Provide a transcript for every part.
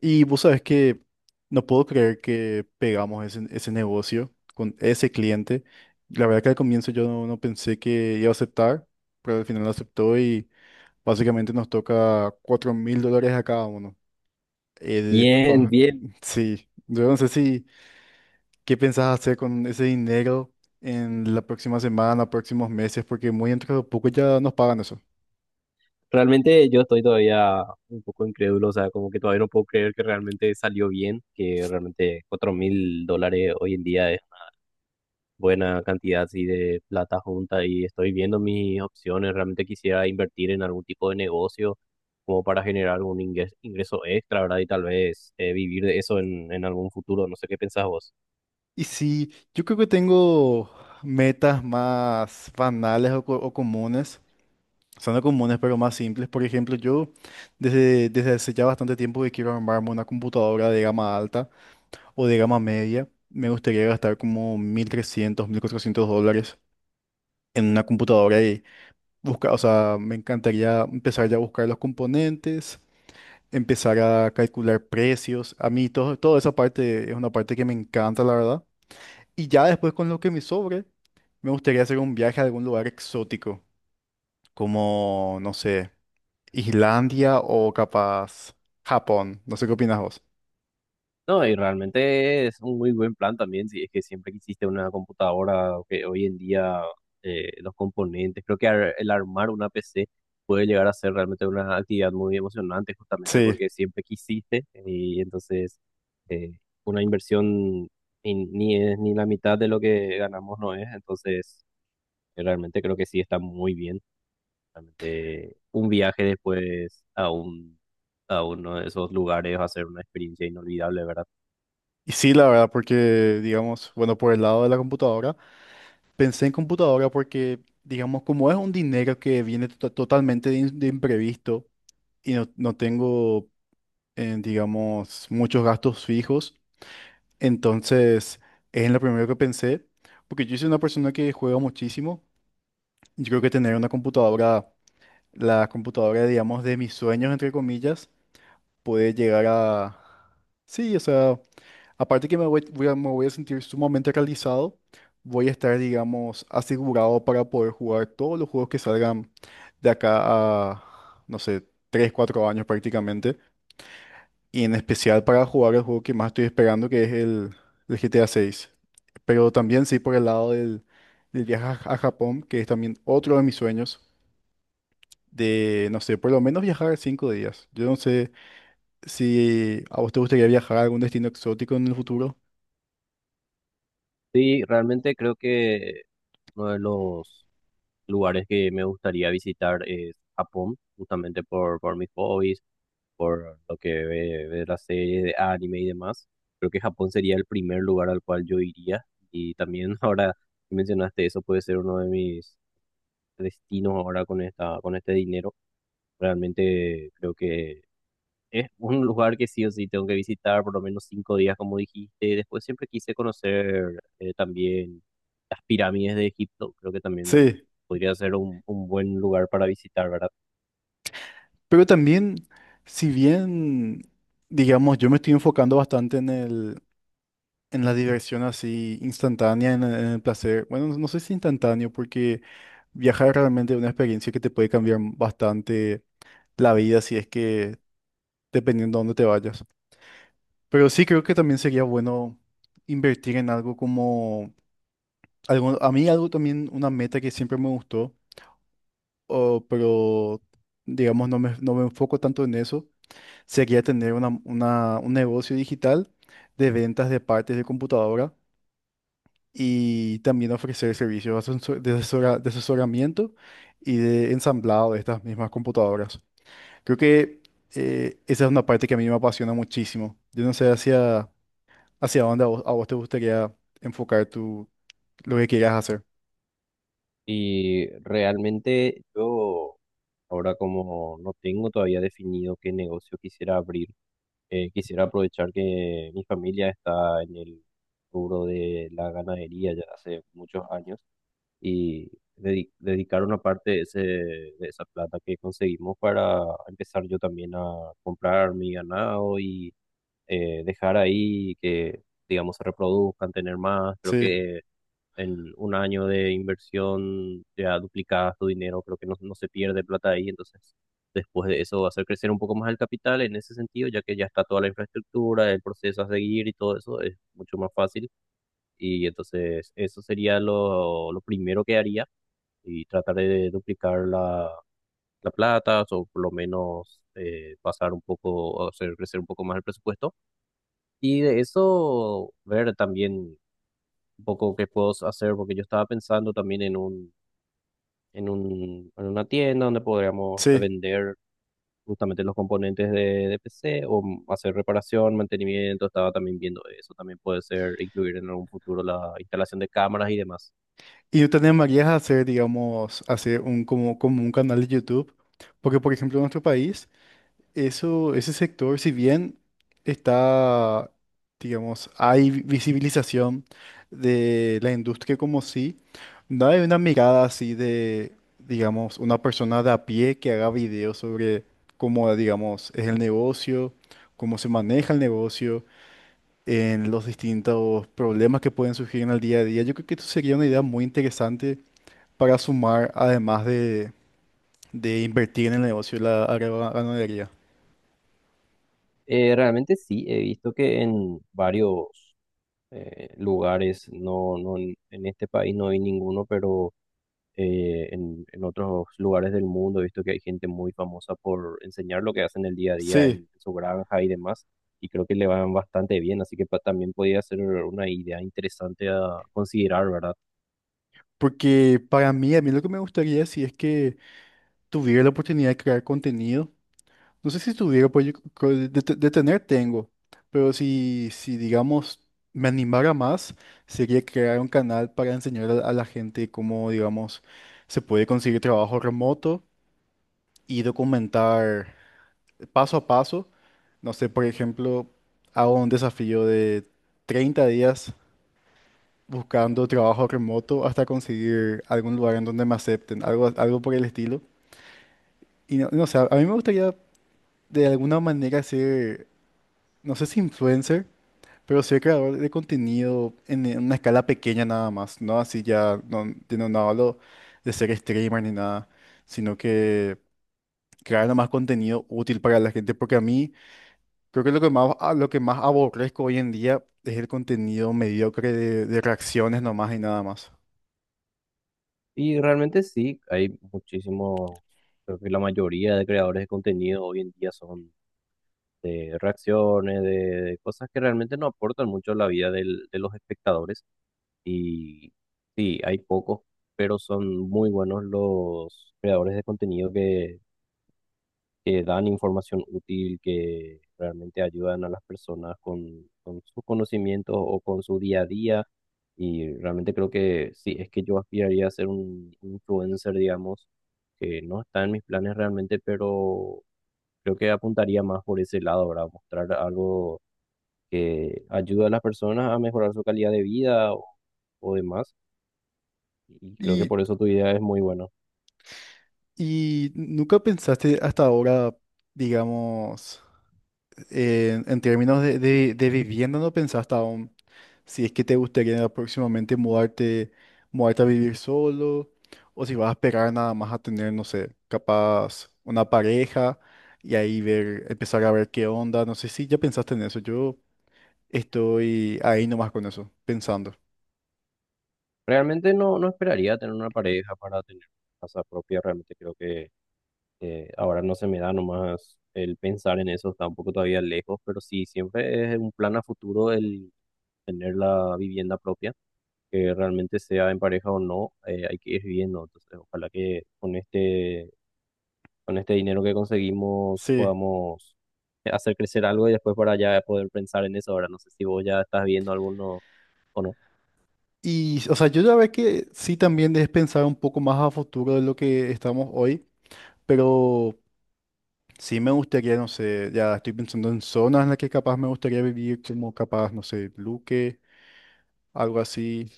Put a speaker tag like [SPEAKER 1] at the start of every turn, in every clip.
[SPEAKER 1] Y vos sabés que no puedo creer que pegamos ese negocio con ese cliente. La verdad que al comienzo yo no pensé que iba a aceptar, pero al final lo aceptó y básicamente nos toca $4000 a cada uno. Eh,
[SPEAKER 2] Bien,
[SPEAKER 1] pa-
[SPEAKER 2] bien.
[SPEAKER 1] sí, yo no sé si qué pensás hacer con ese dinero en la próxima semana, próximos meses, porque muy dentro de poco ya nos pagan eso.
[SPEAKER 2] Realmente yo estoy todavía un poco incrédulo, o sea, como que todavía no puedo creer que realmente salió bien, que realmente $4.000 hoy en día es una buena cantidad así de plata junta y estoy viendo mis opciones. Realmente quisiera invertir en algún tipo de negocio como para generar algún ingreso extra, ¿verdad? Y tal vez vivir de eso en algún futuro. No sé qué pensás vos.
[SPEAKER 1] Y sí, yo creo que tengo metas más banales o comunes. Son comunes pero más simples. Por ejemplo, yo desde hace ya bastante tiempo que quiero armarme una computadora de gama alta o de gama media. Me gustaría gastar como $1300 $1400 en una computadora y buscar, o sea, me encantaría empezar ya a buscar los componentes, empezar a calcular precios. A mí toda esa parte es una parte que me encanta, la verdad. Y ya después con lo que me sobre, me gustaría hacer un viaje a algún lugar exótico, como, no sé. Islandia o capaz Japón. No sé qué opinas vos.
[SPEAKER 2] No, y realmente es un muy buen plan también, si es que siempre quisiste una computadora, o que hoy en día los componentes, creo que el armar una PC puede llegar a ser realmente una actividad muy emocionante, justamente
[SPEAKER 1] Sí.
[SPEAKER 2] porque siempre quisiste. Y entonces eh, una inversión ni es ni la mitad de lo que ganamos, no es. Entonces realmente creo que sí, está muy bien. Realmente un viaje después a a uno de esos lugares va a ser una experiencia inolvidable, ¿verdad?
[SPEAKER 1] Y sí, la verdad, porque, digamos, bueno, por el lado de la computadora, pensé en computadora porque, digamos, como es un dinero que viene totalmente de, de imprevisto y no tengo, digamos, muchos gastos fijos, entonces es en lo primero que pensé, porque yo soy una persona que juega muchísimo. Yo creo que tener una computadora, la computadora, digamos, de mis sueños, entre comillas, poder llegar a... Sí, o sea, aparte que me voy a sentir sumamente realizado, voy a estar, digamos, asegurado para poder jugar todos los juegos que salgan de acá a, no sé, 3 4 años prácticamente, y en especial para jugar el juego que más estoy esperando, que es el GTA 6. Pero también sí por el lado del viaje a Japón, que es también otro de mis sueños, de, no sé, por lo menos viajar 5 días. Yo no sé si a vos te gustaría viajar a algún destino exótico en el futuro.
[SPEAKER 2] Sí, realmente creo que uno de los lugares que me gustaría visitar es Japón, justamente por mis hobbies, por lo que ve las series de anime y demás. Creo que Japón sería el primer lugar al cual yo iría. Y también ahora que mencionaste eso, puede ser uno de mis destinos ahora con con este dinero. Realmente creo que es un lugar que sí o sí tengo que visitar por lo menos 5 días, como dijiste. Después siempre quise conocer también las pirámides de Egipto. Creo que también
[SPEAKER 1] Sí,
[SPEAKER 2] podría ser un buen lugar para visitar, ¿verdad?
[SPEAKER 1] pero también, si bien, digamos, yo me estoy enfocando bastante en en la diversión así instantánea, en en el placer. Bueno, no sé si instantáneo, porque viajar es realmente una experiencia que te puede cambiar bastante la vida, si es que dependiendo de dónde te vayas. Pero sí creo que también sería bueno invertir en algo como, algo, a mí algo también, una meta que siempre me gustó o- pero digamos no me enfoco tanto en eso. Sería tener un negocio digital de ventas de partes de computadora y también ofrecer servicios de asesoramiento y de ensamblado de estas mismas computadoras. Creo que esa es una parte que a mí me apasiona muchísimo. Yo no sé hacia dónde a vos te gustaría enfocar tu, lo que quieras hacer.
[SPEAKER 2] Y realmente yo, ahora como no tengo todavía definido qué negocio quisiera abrir, quisiera aprovechar que mi familia está en el rubro de la ganadería ya hace muchos años, y dedicar una parte de ese, de esa plata que conseguimos para empezar yo también a comprar mi ganado, y dejar ahí que, digamos, se reproduzcan, tener más. Creo
[SPEAKER 1] Sí,
[SPEAKER 2] que en un año de inversión ya duplicas tu dinero. Creo que no, no se pierde plata ahí, entonces... Después de eso, hacer crecer un poco más el capital en ese sentido, ya que ya está toda la infraestructura, el proceso a seguir y todo eso es mucho más fácil. Y entonces eso sería lo primero que haría, y trataré de duplicar la plata, o por lo menos pasar un poco, o hacer crecer un poco más el presupuesto. Y de eso ver también un poco qué puedo hacer, porque yo estaba pensando también en en una tienda donde podríamos
[SPEAKER 1] sí.
[SPEAKER 2] vender justamente los componentes de PC, o hacer reparación, mantenimiento. Estaba también viendo eso, también puede ser incluir en algún futuro la instalación de cámaras y demás.
[SPEAKER 1] Y yo te animarías a hacer, digamos, hacer un, como, como un canal de YouTube, porque por ejemplo en nuestro país, eso, ese sector, si bien está, digamos, hay visibilización de la industria como sí, no hay una mirada así de, digamos, una persona de a pie que haga videos sobre cómo, digamos, es el negocio, cómo se maneja el negocio, en los distintos problemas que pueden surgir en el día a día. Yo creo que esto sería una idea muy interesante para sumar, además de invertir en el negocio de la agroganadería.
[SPEAKER 2] Realmente sí, he visto que en varios lugares. No, no, en este país no hay ninguno, pero en otros lugares del mundo he visto que hay gente muy famosa por enseñar lo que hacen el día a día
[SPEAKER 1] Sí,
[SPEAKER 2] en su granja y demás. Y creo que le van bastante bien, así que también podría ser una idea interesante a considerar, ¿verdad?
[SPEAKER 1] porque para mí, a mí lo que me gustaría si es que tuviera la oportunidad de crear contenido. No sé si tuviera, pues yo creo de tener tengo, pero si digamos me animara más, sería crear un canal para enseñar a la gente cómo, digamos, se puede conseguir trabajo remoto y documentar paso a paso. No sé, por ejemplo, hago un desafío de 30 días buscando trabajo remoto hasta conseguir algún lugar en donde me acepten, algo, algo por el estilo. Y no sé, a mí me gustaría de alguna manera ser, no sé si influencer, pero ser creador de contenido en una escala pequeña nada más, ¿no? Así ya no, yo no, no hablo de ser streamer ni nada, sino que crear nada más contenido útil para la gente, porque a mí... Creo que lo que más, lo que más aborrezco hoy en día es el contenido mediocre de reacciones nomás y nada más.
[SPEAKER 2] Y realmente sí, hay muchísimos, creo que la mayoría de creadores de contenido hoy en día son de reacciones, de cosas que realmente no aportan mucho a la vida del, de los espectadores. Y sí, hay pocos, pero son muy buenos los creadores de contenido que dan información útil, que realmente ayudan a las personas con sus conocimientos o con su día a día. Y realmente creo que sí, es que yo aspiraría a ser un influencer, digamos, que no está en mis planes realmente, pero creo que apuntaría más por ese lado, ¿verdad? Mostrar algo que ayude a las personas a mejorar su calidad de vida, o demás. Y creo que
[SPEAKER 1] Y,
[SPEAKER 2] por eso tu idea es muy buena.
[SPEAKER 1] y nunca pensaste hasta ahora, digamos, en términos de vivienda, no pensaste aún si es que te gustaría próximamente mudarte, mudarte a vivir solo o si vas a esperar nada más a tener, no sé, capaz una pareja y ahí ver, empezar a ver qué onda. No sé si ya pensaste en eso. Yo estoy ahí nomás con eso, pensando.
[SPEAKER 2] Realmente no, no esperaría tener una pareja para tener casa propia. Realmente creo que ahora no se me da nomás el pensar en eso. Está un poco todavía lejos, pero sí, siempre es un plan a futuro el tener la vivienda propia, que realmente sea en pareja o no. Eh, hay que ir viviendo. Entonces, ojalá que con con este dinero que conseguimos
[SPEAKER 1] Sí.
[SPEAKER 2] podamos hacer crecer algo y después para ya poder pensar en eso. Ahora no sé si vos ya estás viendo alguno o no.
[SPEAKER 1] Y, o sea, yo ya ve que sí también debes pensar un poco más a futuro de lo que estamos hoy, pero sí me gustaría, no sé, ya estoy pensando en zonas en las que capaz me gustaría vivir, como capaz, no sé, Luque, algo así.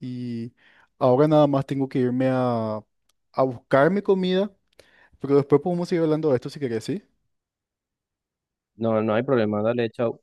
[SPEAKER 1] Y ahora nada más tengo que irme a buscar mi comida, pero después podemos seguir hablando de esto si querés, ¿sí?
[SPEAKER 2] No, no hay problema. Dale, chao.